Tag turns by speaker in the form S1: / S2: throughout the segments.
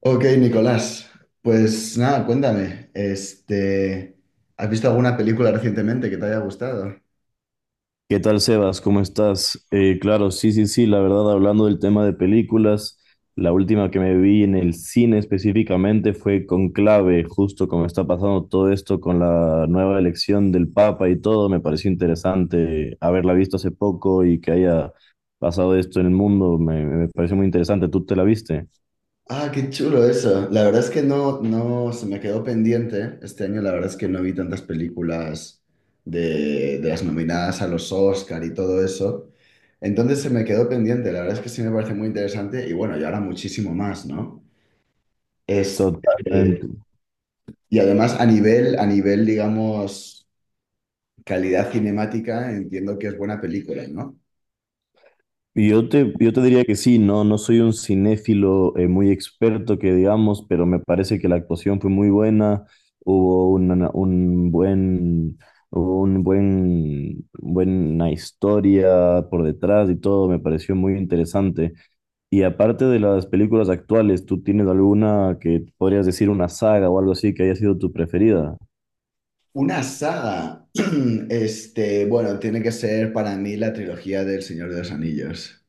S1: Ok, Nicolás, pues nada, cuéntame, ¿has visto alguna película recientemente que te haya gustado?
S2: ¿Qué tal, Sebas? ¿Cómo estás? Claro, sí, la verdad, hablando del tema de películas, la última que me vi en el cine específicamente fue Conclave. Justo como está pasando todo esto con la nueva elección del Papa y todo, me pareció interesante haberla visto hace poco y que haya pasado esto en el mundo. Me pareció muy interesante. ¿Tú te la viste?
S1: Ah, qué chulo eso. La verdad es que no, no, se me quedó pendiente. Este año la verdad es que no vi tantas películas de las nominadas a los Oscar y todo eso. Entonces se me quedó pendiente. La verdad es que sí me parece muy interesante y bueno, y ahora muchísimo más, ¿no? Es, eh,
S2: Totalmente.
S1: y además a nivel, digamos, calidad cinemática, entiendo que es buena película, ¿no?
S2: Yo te diría que sí. No soy un cinéfilo muy experto que digamos, pero me parece que la actuación fue muy buena, hubo una- un buen, hubo un buen, buena historia por detrás y todo. Me pareció muy interesante. Y aparte de las películas actuales, ¿tú tienes alguna que podrías decir, una saga o algo así, que haya sido tu preferida?
S1: Una saga. Bueno, tiene que ser para mí la trilogía del Señor de los Anillos.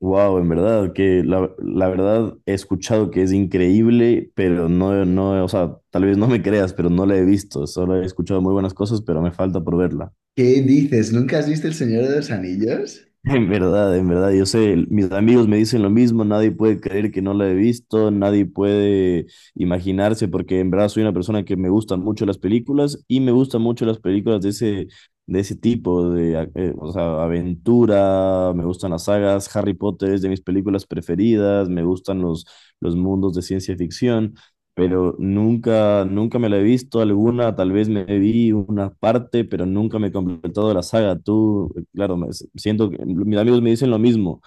S2: Wow, en verdad, que la verdad he escuchado que es increíble, pero no, no, o sea, tal vez no me creas, pero no la he visto. Solo he escuchado muy buenas cosas, pero me falta por verla.
S1: ¿Qué dices? ¿Nunca has visto El Señor de los Anillos?
S2: En verdad, yo sé, mis amigos me dicen lo mismo. Nadie puede creer que no la he visto, nadie puede imaginarse, porque en verdad soy una persona que me gustan mucho las películas y me gustan mucho las películas de ese tipo, o sea, aventura. Me gustan las sagas, Harry Potter es de mis películas preferidas, me gustan los mundos de ciencia ficción, pero nunca me la he visto alguna, tal vez me vi una parte, pero nunca me he completado la saga. Siento que mis amigos me dicen lo mismo.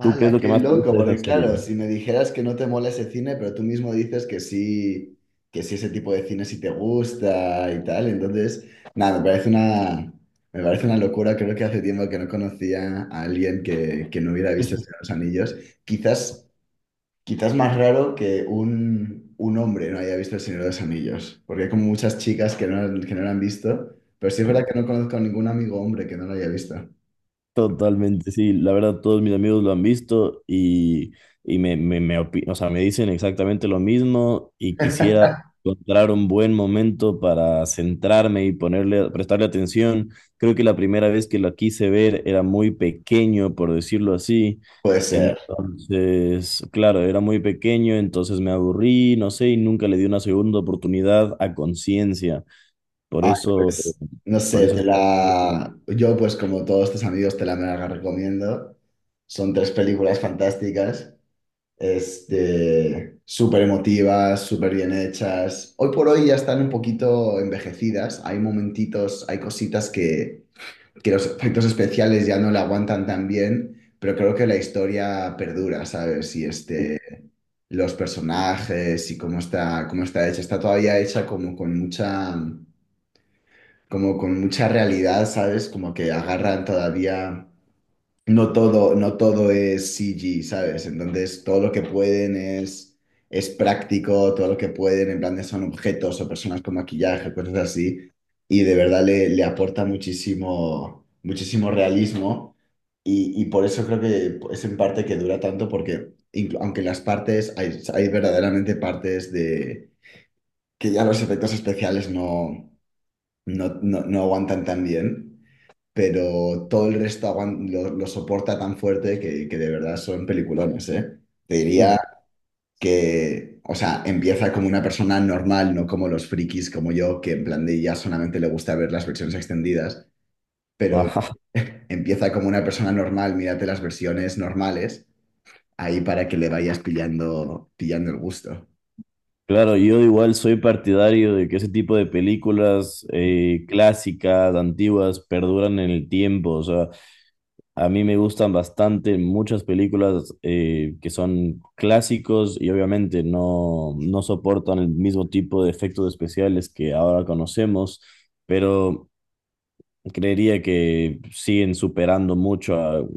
S2: ¿Tú qué es lo que
S1: qué
S2: más te
S1: loco!
S2: gusta de esa
S1: Porque claro,
S2: serie?
S1: si me dijeras que no te mola ese cine, pero tú mismo dices que sí ese tipo de cine sí te gusta y tal, entonces, nada, me parece una locura. Creo que hace tiempo que no conocía a alguien que no hubiera visto El Señor de los Anillos. Quizás Quizás más raro que un hombre no haya visto El Señor de los Anillos, porque hay como muchas chicas que no lo han visto, pero sí es verdad que no conozco a ningún amigo hombre que no lo haya visto.
S2: Totalmente, sí. La verdad, todos mis amigos lo han visto, y o sea, me dicen exactamente lo mismo, y quisiera encontrar un buen momento para centrarme y ponerle, prestarle atención. Creo que la primera vez que lo quise ver era muy pequeño, por decirlo así.
S1: Puede ser.
S2: Entonces, claro, era muy pequeño, entonces me aburrí, no sé, y nunca le di una segunda oportunidad a conciencia. Por
S1: Ay,
S2: eso,
S1: pues, no
S2: por
S1: sé,
S2: eso
S1: te
S2: sí quisiera.
S1: la... Yo, pues, como todos tus amigos, te la mega recomiendo. Son tres películas fantásticas, súper emotivas, súper bien hechas. Hoy por hoy ya están un poquito envejecidas. Hay momentitos, hay cositas que los efectos especiales ya no la aguantan tan bien, pero creo que la historia perdura, ¿sabes? Los personajes y cómo está hecha, está todavía hecha como con mucha realidad, ¿sabes? Como que agarran todavía no todo es CG, ¿sabes? Entonces, todo lo que pueden es práctico, todo lo que pueden, en plan, son objetos o personas con maquillaje, cosas así, y de verdad le aporta muchísimo, muchísimo realismo, y por eso creo que es en parte que dura tanto, porque aunque las partes, hay verdaderamente partes de que ya los efectos especiales no aguantan tan bien, pero todo el resto lo soporta tan fuerte que de verdad son peliculones, ¿eh? Te diría que, o sea, empieza como una persona normal, no como los frikis como yo, que en plan de ya solamente le gusta ver las versiones extendidas, pero
S2: Ajá.
S1: empieza como una persona normal, mírate las versiones normales, ahí para que le vayas pillando el gusto.
S2: Claro, yo igual soy partidario de que ese tipo de películas clásicas, antiguas, perduran en el tiempo. O sea, a mí me gustan bastante muchas películas que son clásicos, y obviamente no soportan el mismo tipo de efectos especiales que ahora conocemos, pero creería que siguen superando mucho a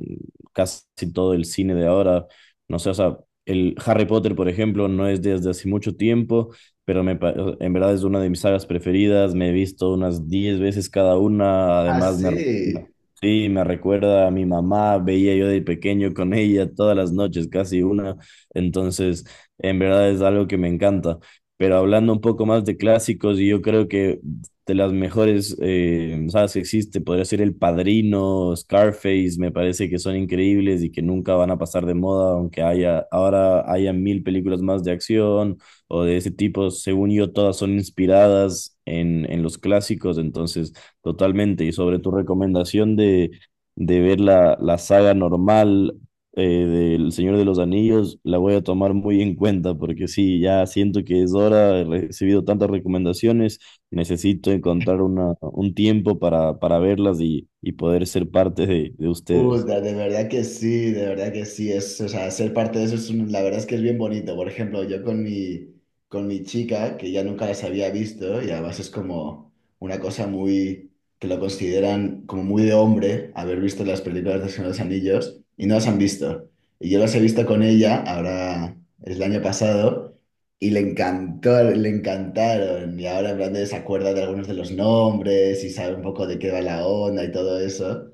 S2: casi todo el cine de ahora. No sé, o sea, el Harry Potter, por ejemplo, no es desde hace mucho tiempo, pero en verdad es una de mis sagas preferidas. Me he visto unas 10 veces cada una.
S1: Ah,
S2: Además,
S1: sí.
S2: sí, me recuerda a mi mamá. Veía yo de pequeño con ella todas las noches, casi una. Entonces, en verdad es algo que me encanta. Pero hablando un poco más de clásicos, y yo creo que de las mejores sagas que existe, podría ser El Padrino, Scarface. Me parece que son increíbles y que nunca van a pasar de moda, aunque haya, ahora haya mil películas más de acción o de ese tipo. Según yo, todas son inspiradas en los clásicos, entonces totalmente. Y sobre tu recomendación de ver la saga normal, del Señor de los Anillos, la voy a tomar muy en cuenta, porque sí, ya siento que es hora. He recibido tantas recomendaciones. Necesito encontrar un tiempo para verlas y poder ser parte de ustedes.
S1: Puta, de verdad que sí, de verdad que sí, o sea, ser parte de eso es la verdad es que es bien bonito. Por ejemplo, con mi chica, que ya nunca las había visto, y además es como una cosa que lo consideran como muy de hombre, haber visto las películas de Señor de los Anillos, y no las han visto. Y yo las he visto con ella, ahora es el año pasado, y le encantó, le encantaron, y ahora en plan de se acuerda de algunos de los nombres, y sabe un poco de qué va la onda y todo eso.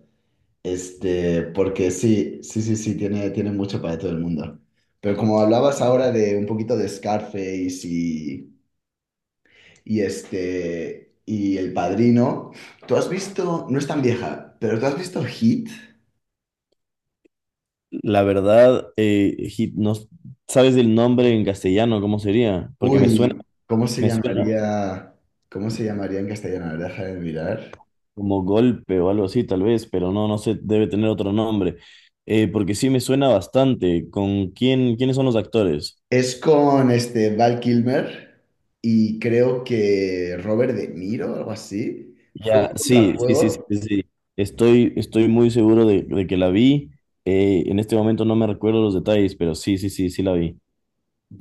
S1: Este, porque sí, sí, sí, sí, tiene mucho para todo el mundo. Pero como hablabas ahora de un poquito de Scarface y El Padrino, ¿tú has visto, no es tan vieja, pero tú has visto Hit?
S2: La verdad, Hit, no. ¿Sabes el nombre en castellano? ¿Cómo sería? Porque
S1: Uy,
S2: me suena
S1: ¿cómo se llamaría en castellano? A ver, Deja de mirar.
S2: como golpe o algo así, tal vez, pero no, no sé, debe tener otro nombre. Porque sí me suena bastante. ¿Con quién, quiénes son los actores?
S1: Es con este Val Kilmer y creo que Robert De Niro, algo así. Fue un
S2: Ya, sí, sí, sí, sí,
S1: contrajuego.
S2: sí, sí. Estoy muy seguro de que la vi. En este momento no me recuerdo los detalles, pero sí, sí, sí, sí la vi.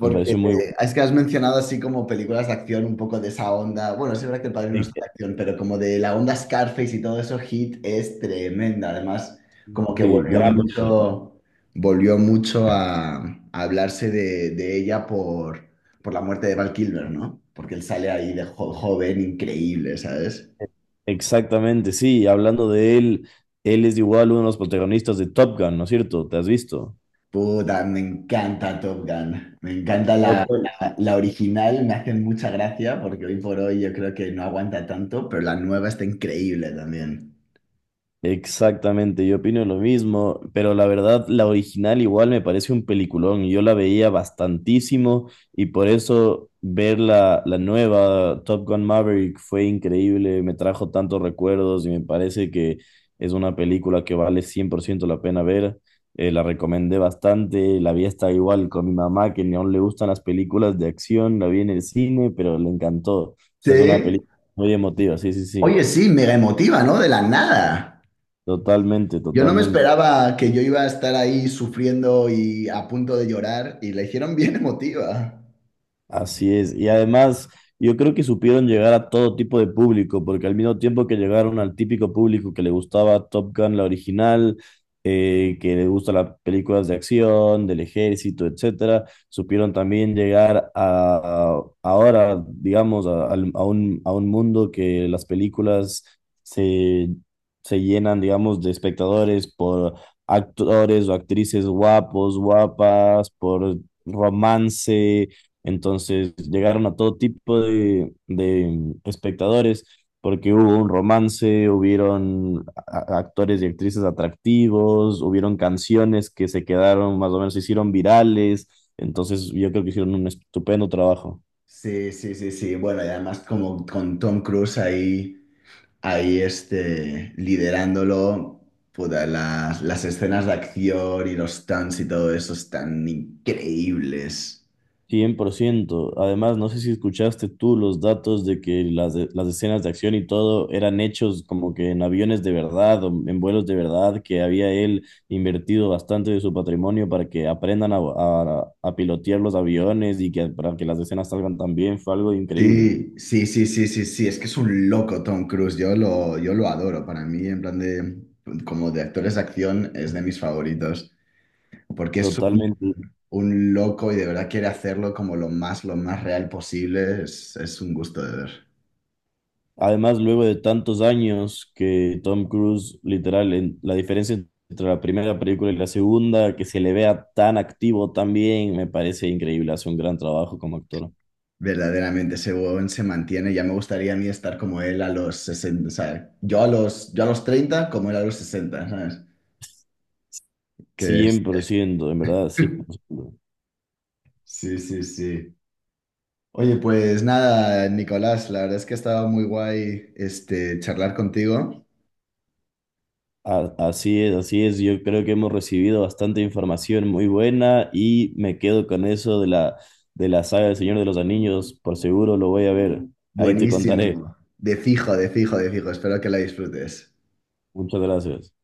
S2: Me pareció muy...
S1: es que has mencionado así como películas de acción, un poco de esa onda. Bueno, sí es verdad que El Padrino no es
S2: Sí,
S1: de acción, pero como de la onda Scarface y todo eso, Hit es tremenda. Además, como que
S2: sí, gran protagonista.
S1: volvió mucho a hablarse de ella por la muerte de Val Kilmer, ¿no? Porque él sale ahí de joven, increíble, ¿sabes?
S2: Exactamente, sí. Hablando de él, él es igual uno de los protagonistas de Top Gun, ¿no es cierto? ¿Te has visto?
S1: Puta, me encanta Top Gun. Me encanta la,
S2: Top Gun.
S1: la- la original, me hacen mucha gracia porque hoy por hoy yo creo que no aguanta tanto, pero la nueva está increíble también.
S2: Exactamente, yo opino lo mismo, pero la verdad, la original igual me parece un peliculón. Yo la veía bastantísimo, y por eso ver la nueva Top Gun Maverick fue increíble. Me trajo tantos recuerdos y me parece que es una película que vale 100% la pena ver. La recomendé bastante, la vi hasta igual con mi mamá, que ni aún le gustan las películas de acción. La vi en el cine, pero le encantó. O sea, es una
S1: Sí.
S2: película muy emotiva, sí, sí, sí,
S1: Oye, sí, mega emotiva, ¿no? De la nada.
S2: totalmente,
S1: Yo no me
S2: totalmente.
S1: esperaba que yo iba a estar ahí sufriendo y a punto de llorar y la hicieron bien emotiva.
S2: Así es. Y además, yo creo que supieron llegar a todo tipo de público, porque al mismo tiempo que llegaron al típico público que le gustaba Top Gun, la original, que le gustan las películas de acción, del ejército, etcétera, supieron también llegar ahora, digamos, a un mundo que las películas se, se llenan, digamos, de espectadores por actores o actrices guapos, guapas, por romance, entonces llegaron a todo tipo de espectadores, porque hubo un romance, hubieron actores y actrices atractivos, hubieron canciones que se quedaron más o menos, se hicieron virales. Entonces yo creo que hicieron un estupendo trabajo.
S1: Sí, sí, sí, sí. Bueno, y además como con Tom Cruise ahí, ahí liderándolo, puta, las escenas de acción y los stunts y todo eso están increíbles.
S2: 100%. Además, no sé si escuchaste tú los datos de que las escenas de acción y todo eran hechos como que en aviones de verdad o en vuelos de verdad, que había él invertido bastante de su patrimonio para que aprendan a pilotear los aviones y que para que las escenas salgan tan bien. Fue algo increíble.
S1: Sí, sí, sí, sí, sí, sí, es que es un loco Tom Cruise, yo lo adoro, para mí en plan de, como de actores de acción es de mis favoritos, porque es
S2: Totalmente.
S1: un loco y de verdad quiere hacerlo como lo más real posible, es un gusto de ver.
S2: Además, luego de tantos años que Tom Cruise, literal, en, la diferencia entre la primera película y la segunda, que se le vea tan activo también, me parece increíble. Hace un gran trabajo como actor.
S1: Verdaderamente, ese huevón se mantiene. Ya me gustaría a mí estar como él a los 60, ¿sabes? Yo a los 30 como él a los sesenta, ¿sabes? Que es.
S2: 100% en verdad, 100%.
S1: Sí, sí, sí. Oye, pues nada, Nicolás, la verdad es que ha estado muy guay, este, charlar contigo.
S2: Así es, así es. Yo creo que hemos recibido bastante información muy buena y me quedo con eso de la saga del Señor de los Anillos. Por seguro lo voy a ver. Ahí te contaré.
S1: Buenísimo. De fijo, de fijo, de fijo. Espero que la disfrutes.
S2: Muchas gracias.